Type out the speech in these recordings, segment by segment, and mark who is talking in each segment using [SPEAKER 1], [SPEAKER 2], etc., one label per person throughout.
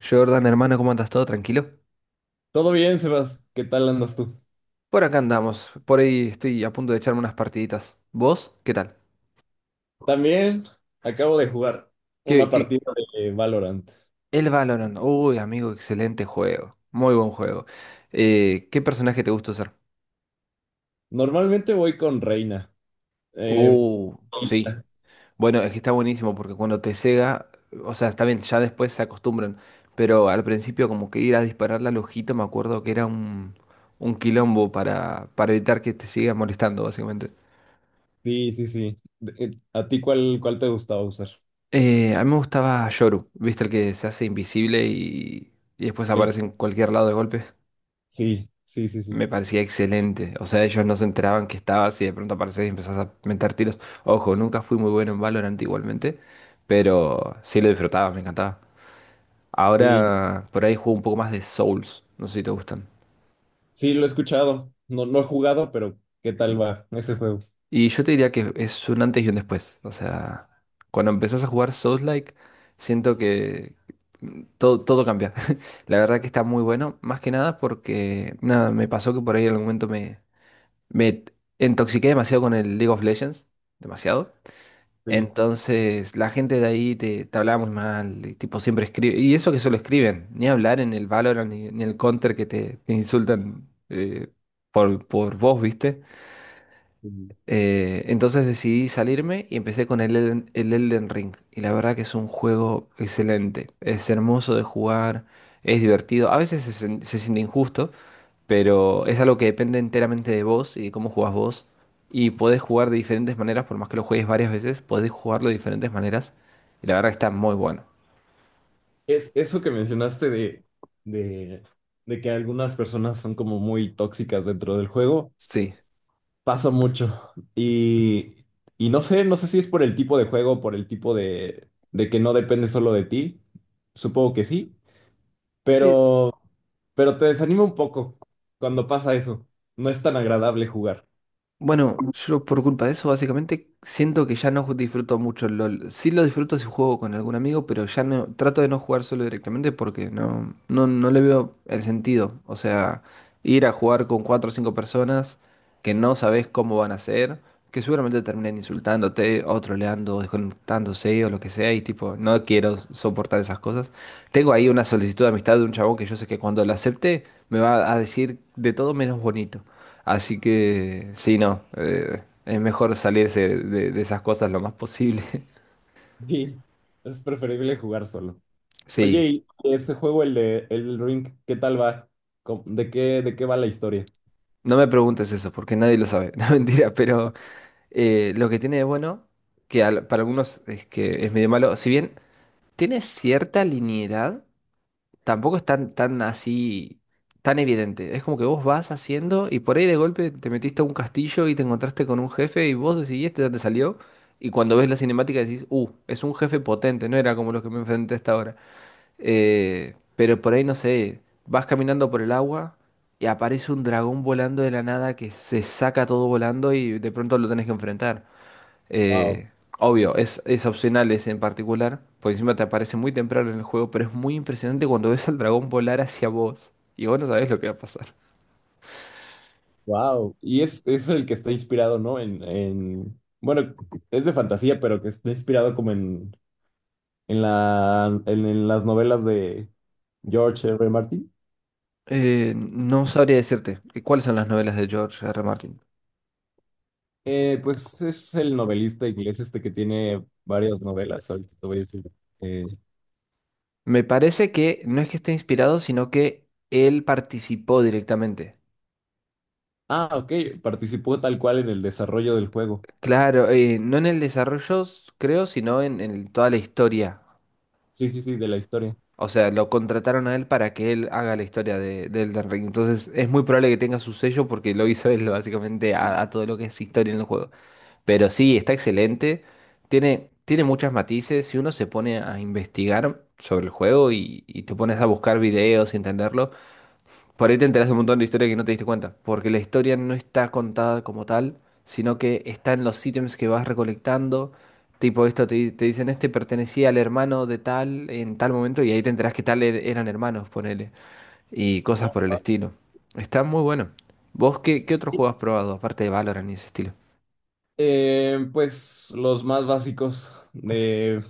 [SPEAKER 1] Jordan, hermano, ¿cómo andas? ¿Todo tranquilo?
[SPEAKER 2] Todo bien, Sebas. ¿Qué tal andas tú?
[SPEAKER 1] Por acá andamos. Por ahí estoy a punto de echarme unas partiditas. ¿Vos? ¿Qué tal?
[SPEAKER 2] También acabo de jugar
[SPEAKER 1] ¿Qué,
[SPEAKER 2] una
[SPEAKER 1] qué?
[SPEAKER 2] partida de Valorant.
[SPEAKER 1] El Valorant. Uy, amigo, excelente juego. Muy buen juego. ¿Qué personaje te gusta usar?
[SPEAKER 2] Normalmente voy con Reina. eh,
[SPEAKER 1] Uh, sí.
[SPEAKER 2] lista.
[SPEAKER 1] Bueno, es que está buenísimo porque cuando te cega, o sea, está bien, ya después se acostumbran. Pero al principio como que ir a dispararle al ojito, me acuerdo que era un quilombo para evitar que te siga molestando, básicamente.
[SPEAKER 2] Sí, sí, sí. ¿A ti cuál te gustaba usar?
[SPEAKER 1] A mí me gustaba Yoru, ¿viste? El que se hace invisible y después
[SPEAKER 2] Que el-
[SPEAKER 1] aparece en cualquier lado de golpe.
[SPEAKER 2] Sí, sí, sí, sí.
[SPEAKER 1] Me parecía excelente. O sea, ellos no se enteraban que estabas y de pronto apareces y empezás a meter tiros. Ojo, nunca fui muy bueno en Valorant igualmente, pero sí lo disfrutaba, me encantaba.
[SPEAKER 2] Sí,
[SPEAKER 1] Ahora por ahí juego un poco más de Souls. No sé si te gustan.
[SPEAKER 2] sí, lo he escuchado. No, no he jugado, pero ¿qué tal va ese juego?
[SPEAKER 1] Y yo te diría que es un antes y un después. O sea, cuando empezás a jugar Souls-like, siento que todo cambia. La verdad que está muy bueno, más que nada porque, nada, me pasó que por ahí en algún momento me intoxiqué demasiado con el League of Legends, demasiado.
[SPEAKER 2] Sí,
[SPEAKER 1] Entonces, la gente de ahí te hablaba muy mal, y tipo siempre escribe, y eso que solo escriben, ni hablar en el Valorant ni el Counter que te insultan por vos, ¿viste?
[SPEAKER 2] sí.
[SPEAKER 1] Entonces decidí salirme y empecé con el el Elden Ring. Y la verdad que es un juego excelente. Es hermoso de jugar, es divertido. A veces se siente injusto, pero es algo que depende enteramente de vos y de cómo jugás vos. Y podés jugar de diferentes maneras, por más que lo juegues varias veces, podés jugarlo de diferentes maneras. Y la verdad que está muy bueno.
[SPEAKER 2] Es eso que mencionaste de, de que algunas personas son como muy tóxicas dentro del juego.
[SPEAKER 1] Sí.
[SPEAKER 2] Pasa mucho. Y no sé, no sé si es por el tipo de juego, por el tipo de que no depende solo de ti. Supongo que sí,
[SPEAKER 1] Eh,
[SPEAKER 2] pero, pero te desanima un poco cuando pasa eso. No es tan agradable jugar.
[SPEAKER 1] Bueno, yo por culpa de eso básicamente siento que ya no disfruto mucho el LOL. Sí lo disfruto si juego con algún amigo, pero ya no trato de no jugar solo directamente porque no, no, no le veo el sentido. O sea, ir a jugar con cuatro o cinco personas que no sabes cómo van a ser, que seguramente terminen insultándote o troleando o desconectándose o lo que sea y tipo, no quiero soportar esas cosas. Tengo ahí una solicitud de amistad de un chabón que yo sé que cuando la acepte me va a decir de todo menos bonito. Así que sí, no, es mejor salirse de esas cosas lo más posible.
[SPEAKER 2] Sí, es preferible jugar solo. Oye,
[SPEAKER 1] Sí,
[SPEAKER 2] y ese juego, el de el Ring, ¿qué tal va? De qué va la historia?
[SPEAKER 1] no me preguntes eso porque nadie lo sabe, no mentira, pero lo que tiene de bueno, que para algunos es que es medio malo, si bien tiene cierta linealidad, tampoco es tan así, tan evidente. Es como que vos vas haciendo y por ahí de golpe te metiste a un castillo y te encontraste con un jefe y vos decidiste este ¿dónde salió? Y cuando ves la cinemática decís, es un jefe potente, no era como los que me enfrenté hasta ahora. Pero por ahí no sé, vas caminando por el agua y aparece un dragón volando de la nada que se saca todo volando y de pronto lo tenés que enfrentar.
[SPEAKER 2] Wow,
[SPEAKER 1] Eh, Obvio, es opcional ese en particular, por encima te aparece muy temprano en el juego, pero es muy impresionante cuando ves al dragón volar hacia vos y vos no sabés lo que va a pasar.
[SPEAKER 2] wow. Y es el que está inspirado, ¿no? En, bueno, es de fantasía, pero que está inspirado como en en las novelas de George R. R. Martin.
[SPEAKER 1] No sabría decirte cuáles son las novelas de George R. R. Martin.
[SPEAKER 2] Pues es el novelista inglés este que tiene varias novelas, ahorita te voy a decir. Eh,
[SPEAKER 1] Me parece que no es que esté inspirado, sino que él participó directamente.
[SPEAKER 2] ah, ok, participó tal cual en el desarrollo del juego.
[SPEAKER 1] Claro, no en el desarrollo, creo, sino en toda la historia.
[SPEAKER 2] Sí, sí, sí, de la historia.
[SPEAKER 1] O sea, lo contrataron a él para que él haga la historia de Elden Ring. Entonces, es muy probable que tenga su sello porque lo hizo él básicamente a todo lo que es historia en el juego. Pero sí, está excelente. Tiene muchos matices. Si uno se pone a investigar sobre el juego y te pones a buscar videos y entenderlo, por ahí te enteras un montón de historia que no te diste cuenta, porque la historia no está contada como tal, sino que está en los ítems que vas recolectando. Tipo, esto te dicen, este pertenecía al hermano de tal en tal momento, y ahí te enterás que tal eran hermanos, ponele, y cosas por
[SPEAKER 2] Ok.
[SPEAKER 1] el estilo. Está muy bueno. ¿Vos qué otro juego has probado, aparte de Valorant y ese estilo?
[SPEAKER 2] Pues los más básicos de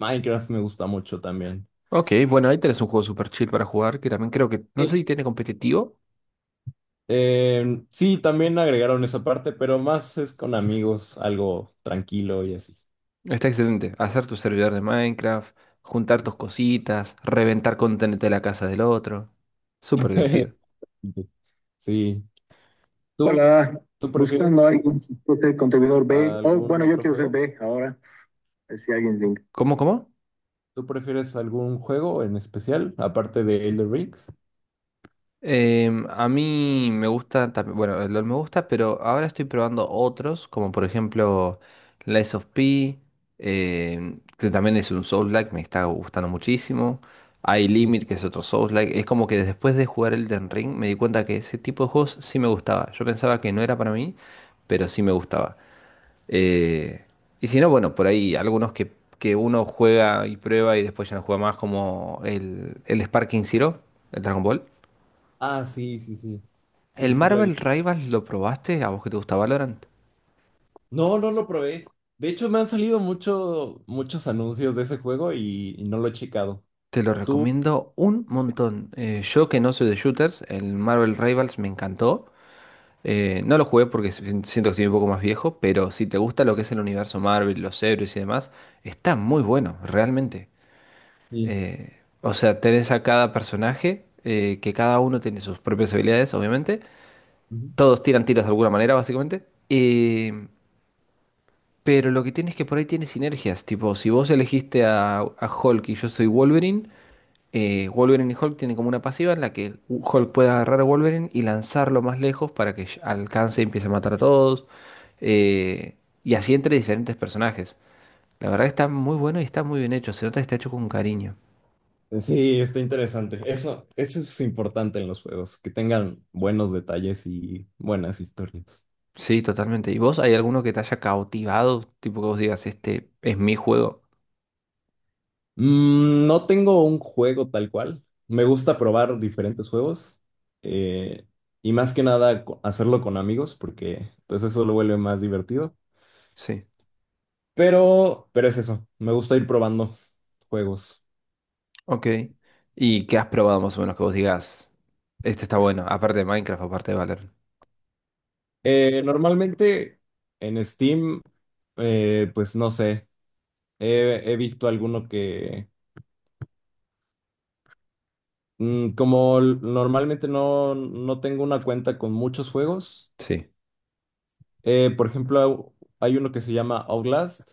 [SPEAKER 2] Minecraft me gusta mucho también.
[SPEAKER 1] Ok, bueno, ahí tenés un juego super chill para jugar, que también creo que, no
[SPEAKER 2] Sí,
[SPEAKER 1] sé si tiene competitivo.
[SPEAKER 2] eh, sí, también agregaron esa parte, pero más es con amigos, algo tranquilo y así.
[SPEAKER 1] Está excelente. Hacer tu servidor de Minecraft, juntar tus cositas, reventar con TNT la casa del otro. Súper divertido.
[SPEAKER 2] Sí, ¿Tú, Ojalá, tú prefieres buscando a prefieres alguien que sea contribuidor B. Oh, algún bueno, yo otro quiero ser juego? B ahora. A ver si alguien link.
[SPEAKER 1] ¿Cómo, cómo?
[SPEAKER 2] ¿Tú prefieres algún juego en especial, aparte de Elder Rings?
[SPEAKER 1] Em, a mí me gusta también, bueno, el LoL me gusta, pero ahora estoy probando otros, como por ejemplo Lies of P, em, que también es un Soulslike, me está gustando muchísimo. Hay
[SPEAKER 2] Sí.
[SPEAKER 1] Limit, que es otro Soulslike. Es como que después de jugar Elden Ring me di cuenta que ese tipo de juegos sí me gustaba. Yo pensaba que no era para mí, pero sí me gustaba. Eh, y si no, bueno, por ahí algunos que uno juega y prueba y después ya no juega más, como el Sparking Zero, el Dragon Ball.
[SPEAKER 2] Ah, sí, sí, sí. Sí,
[SPEAKER 1] ¿El
[SPEAKER 2] sí, la vi.
[SPEAKER 1] Marvel Rivals lo probaste? ¿A vos que te gusta Valorant?
[SPEAKER 2] No, no lo probé. De hecho, me han salido mucho, muchos anuncios de ese juego y no lo he checado.
[SPEAKER 1] Te lo recomiendo un montón. Yo que no soy de shooters, el Marvel Rivals me encantó. No lo jugué porque siento que estoy un poco más viejo, pero si te gusta lo que es el universo Marvel, los héroes y demás, está muy bueno, realmente.
[SPEAKER 2] Sí.
[SPEAKER 1] O sea, tenés a cada personaje, que cada uno tiene sus propias habilidades, obviamente.
[SPEAKER 2] Ujú.
[SPEAKER 1] Todos tiran tiros de alguna manera, básicamente. Pero lo que tiene es que por ahí tiene sinergias. Tipo, si vos elegiste a Hulk y yo soy Wolverine, Wolverine y Hulk tienen como una pasiva en la que Hulk puede agarrar a Wolverine y lanzarlo más lejos para que alcance y empiece a matar a todos. Eh, y así entre diferentes personajes. La verdad que está muy bueno y está muy bien hecho. Se nota que está hecho con cariño.
[SPEAKER 2] Sí, está interesante. Eso es importante en los juegos, que tengan buenos detalles y buenas historias.
[SPEAKER 1] Sí, totalmente. ¿Y vos hay alguno que te haya cautivado? Tipo que vos digas, este es mi juego.
[SPEAKER 2] Mm, no tengo un juego tal cual. Me gusta probar diferentes juegos eh, y más que nada hacerlo con amigos porque pues eso lo vuelve más divertido.
[SPEAKER 1] Sí,
[SPEAKER 2] Pero es eso, me gusta ir probando juegos.
[SPEAKER 1] ok. ¿Y qué has probado más o menos que vos digas, este está bueno, aparte de Minecraft, aparte de Valorant?
[SPEAKER 2] Normalmente en Steam, pues no sé, he visto alguno que normalmente no, no tengo una cuenta con muchos juegos,
[SPEAKER 1] Sí.
[SPEAKER 2] por ejemplo, hay uno que se llama Outlast.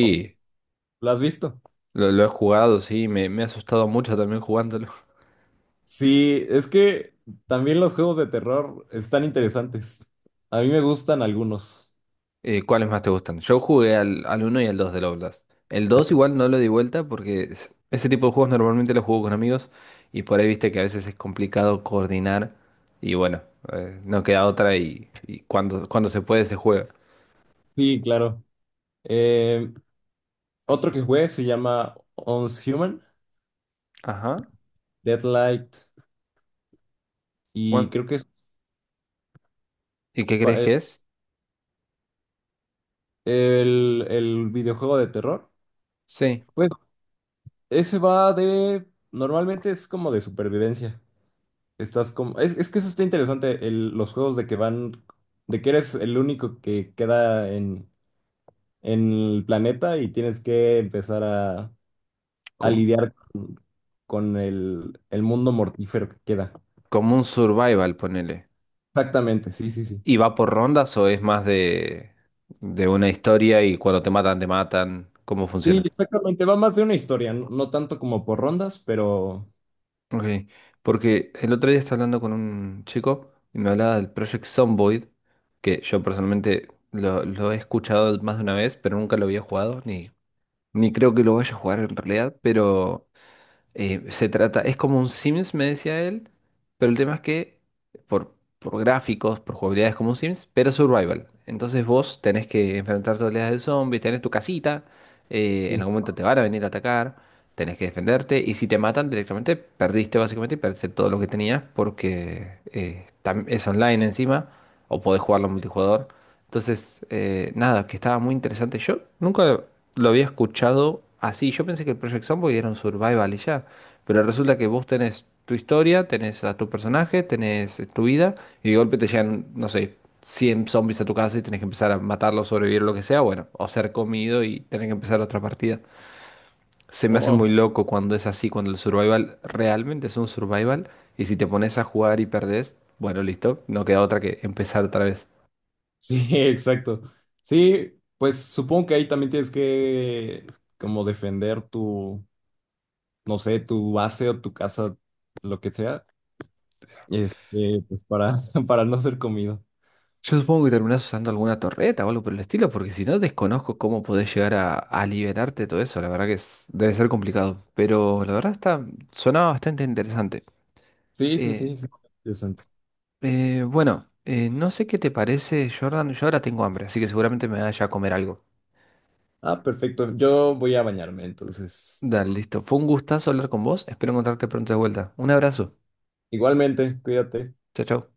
[SPEAKER 2] ¿O- ¿Lo has visto?
[SPEAKER 1] lo he jugado, sí, me he asustado mucho también jugándolo.
[SPEAKER 2] Sí, es que también los juegos de terror están interesantes. A mí me gustan algunos.
[SPEAKER 1] ¿Cuáles más te gustan? Yo jugué al 1 y al 2 del Oblast. El 2 igual no lo di vuelta porque ese tipo de juegos normalmente los juego con amigos y por ahí viste que a veces es complicado coordinar y bueno, no queda otra y cuando se puede se juega.
[SPEAKER 2] Sí, claro. Eh, otro que jugué se llama Once Human,
[SPEAKER 1] Ajá.
[SPEAKER 2] Deadlight, y
[SPEAKER 1] Bueno,
[SPEAKER 2] creo que es
[SPEAKER 1] ¿y qué
[SPEAKER 2] pa-
[SPEAKER 1] crees
[SPEAKER 2] eh,
[SPEAKER 1] que es?
[SPEAKER 2] el videojuego de terror.
[SPEAKER 1] Sí,
[SPEAKER 2] Pues ese va de... Normalmente es como de supervivencia. Estás como... es que eso está interesante, el- los juegos de que van... de que eres el único que queda en el planeta y tienes que empezar a
[SPEAKER 1] com-
[SPEAKER 2] lidiar con el mundo mortífero que queda.
[SPEAKER 1] como un survival, ponele.
[SPEAKER 2] Exactamente, sí, sí, sí.
[SPEAKER 1] ¿Y va por rondas o es más de una historia y cuando te matan, te matan? ¿Cómo
[SPEAKER 2] Sí,
[SPEAKER 1] funciona?
[SPEAKER 2] exactamente, va más de una historia, no, no tanto como por rondas, pero
[SPEAKER 1] Ok, porque el otro día estaba hablando con un chico y me hablaba del Project Zomboid, que yo personalmente lo he escuchado más de una vez, pero nunca lo había jugado, ni, ni creo que lo vaya a jugar en realidad, pero se trata, es como un Sims, me decía él, pero el tema es que por, por gráficos, por jugabilidad es como un Sims, pero survival. Entonces vos tenés que enfrentar todas las del zombie, tenés tu casita, en
[SPEAKER 2] sí.
[SPEAKER 1] algún momento te van a venir a atacar, tenés que defenderte y si te matan directamente perdiste básicamente y perdiste todo lo que tenías porque es online encima o podés jugarlo en multijugador. Entonces, nada, que estaba muy interesante. Yo nunca lo había escuchado así. Yo pensé que el Project Zomboid era un survival y ya. Pero resulta que vos tenés tu historia, tenés a tu personaje, tenés tu vida y de golpe te llegan, no sé, 100 zombies a tu casa y tenés que empezar a matarlos, sobrevivir, lo que sea, bueno, o ser comido y tener que empezar otra partida. Se me hace muy
[SPEAKER 2] Oh,
[SPEAKER 1] loco cuando es así, cuando el survival realmente es un survival y si te pones a jugar y perdés, bueno, listo, no queda otra que empezar otra vez.
[SPEAKER 2] sí, exacto. Sí, pues supongo que ahí también tienes que como defender tu, no sé, tu base o tu casa, lo que sea, este, pues para, para no ser comido.
[SPEAKER 1] Yo supongo que terminás usando alguna torreta o algo por el estilo, porque si no desconozco cómo podés llegar a liberarte de todo eso, la verdad que debe ser complicado, pero la verdad está, sonaba bastante interesante.
[SPEAKER 2] Sí, sí, sí,
[SPEAKER 1] Eh,
[SPEAKER 2] sí. Interesante.
[SPEAKER 1] Bueno, no sé qué te parece, Jordan. Yo ahora tengo hambre, así que seguramente me vaya a comer algo.
[SPEAKER 2] Ah, perfecto. Yo voy a bañarme, entonces.
[SPEAKER 1] Dale, listo. Fue un gustazo hablar con vos. Espero encontrarte pronto de vuelta. Un abrazo.
[SPEAKER 2] Igualmente, cuídate.
[SPEAKER 1] Chao, chao.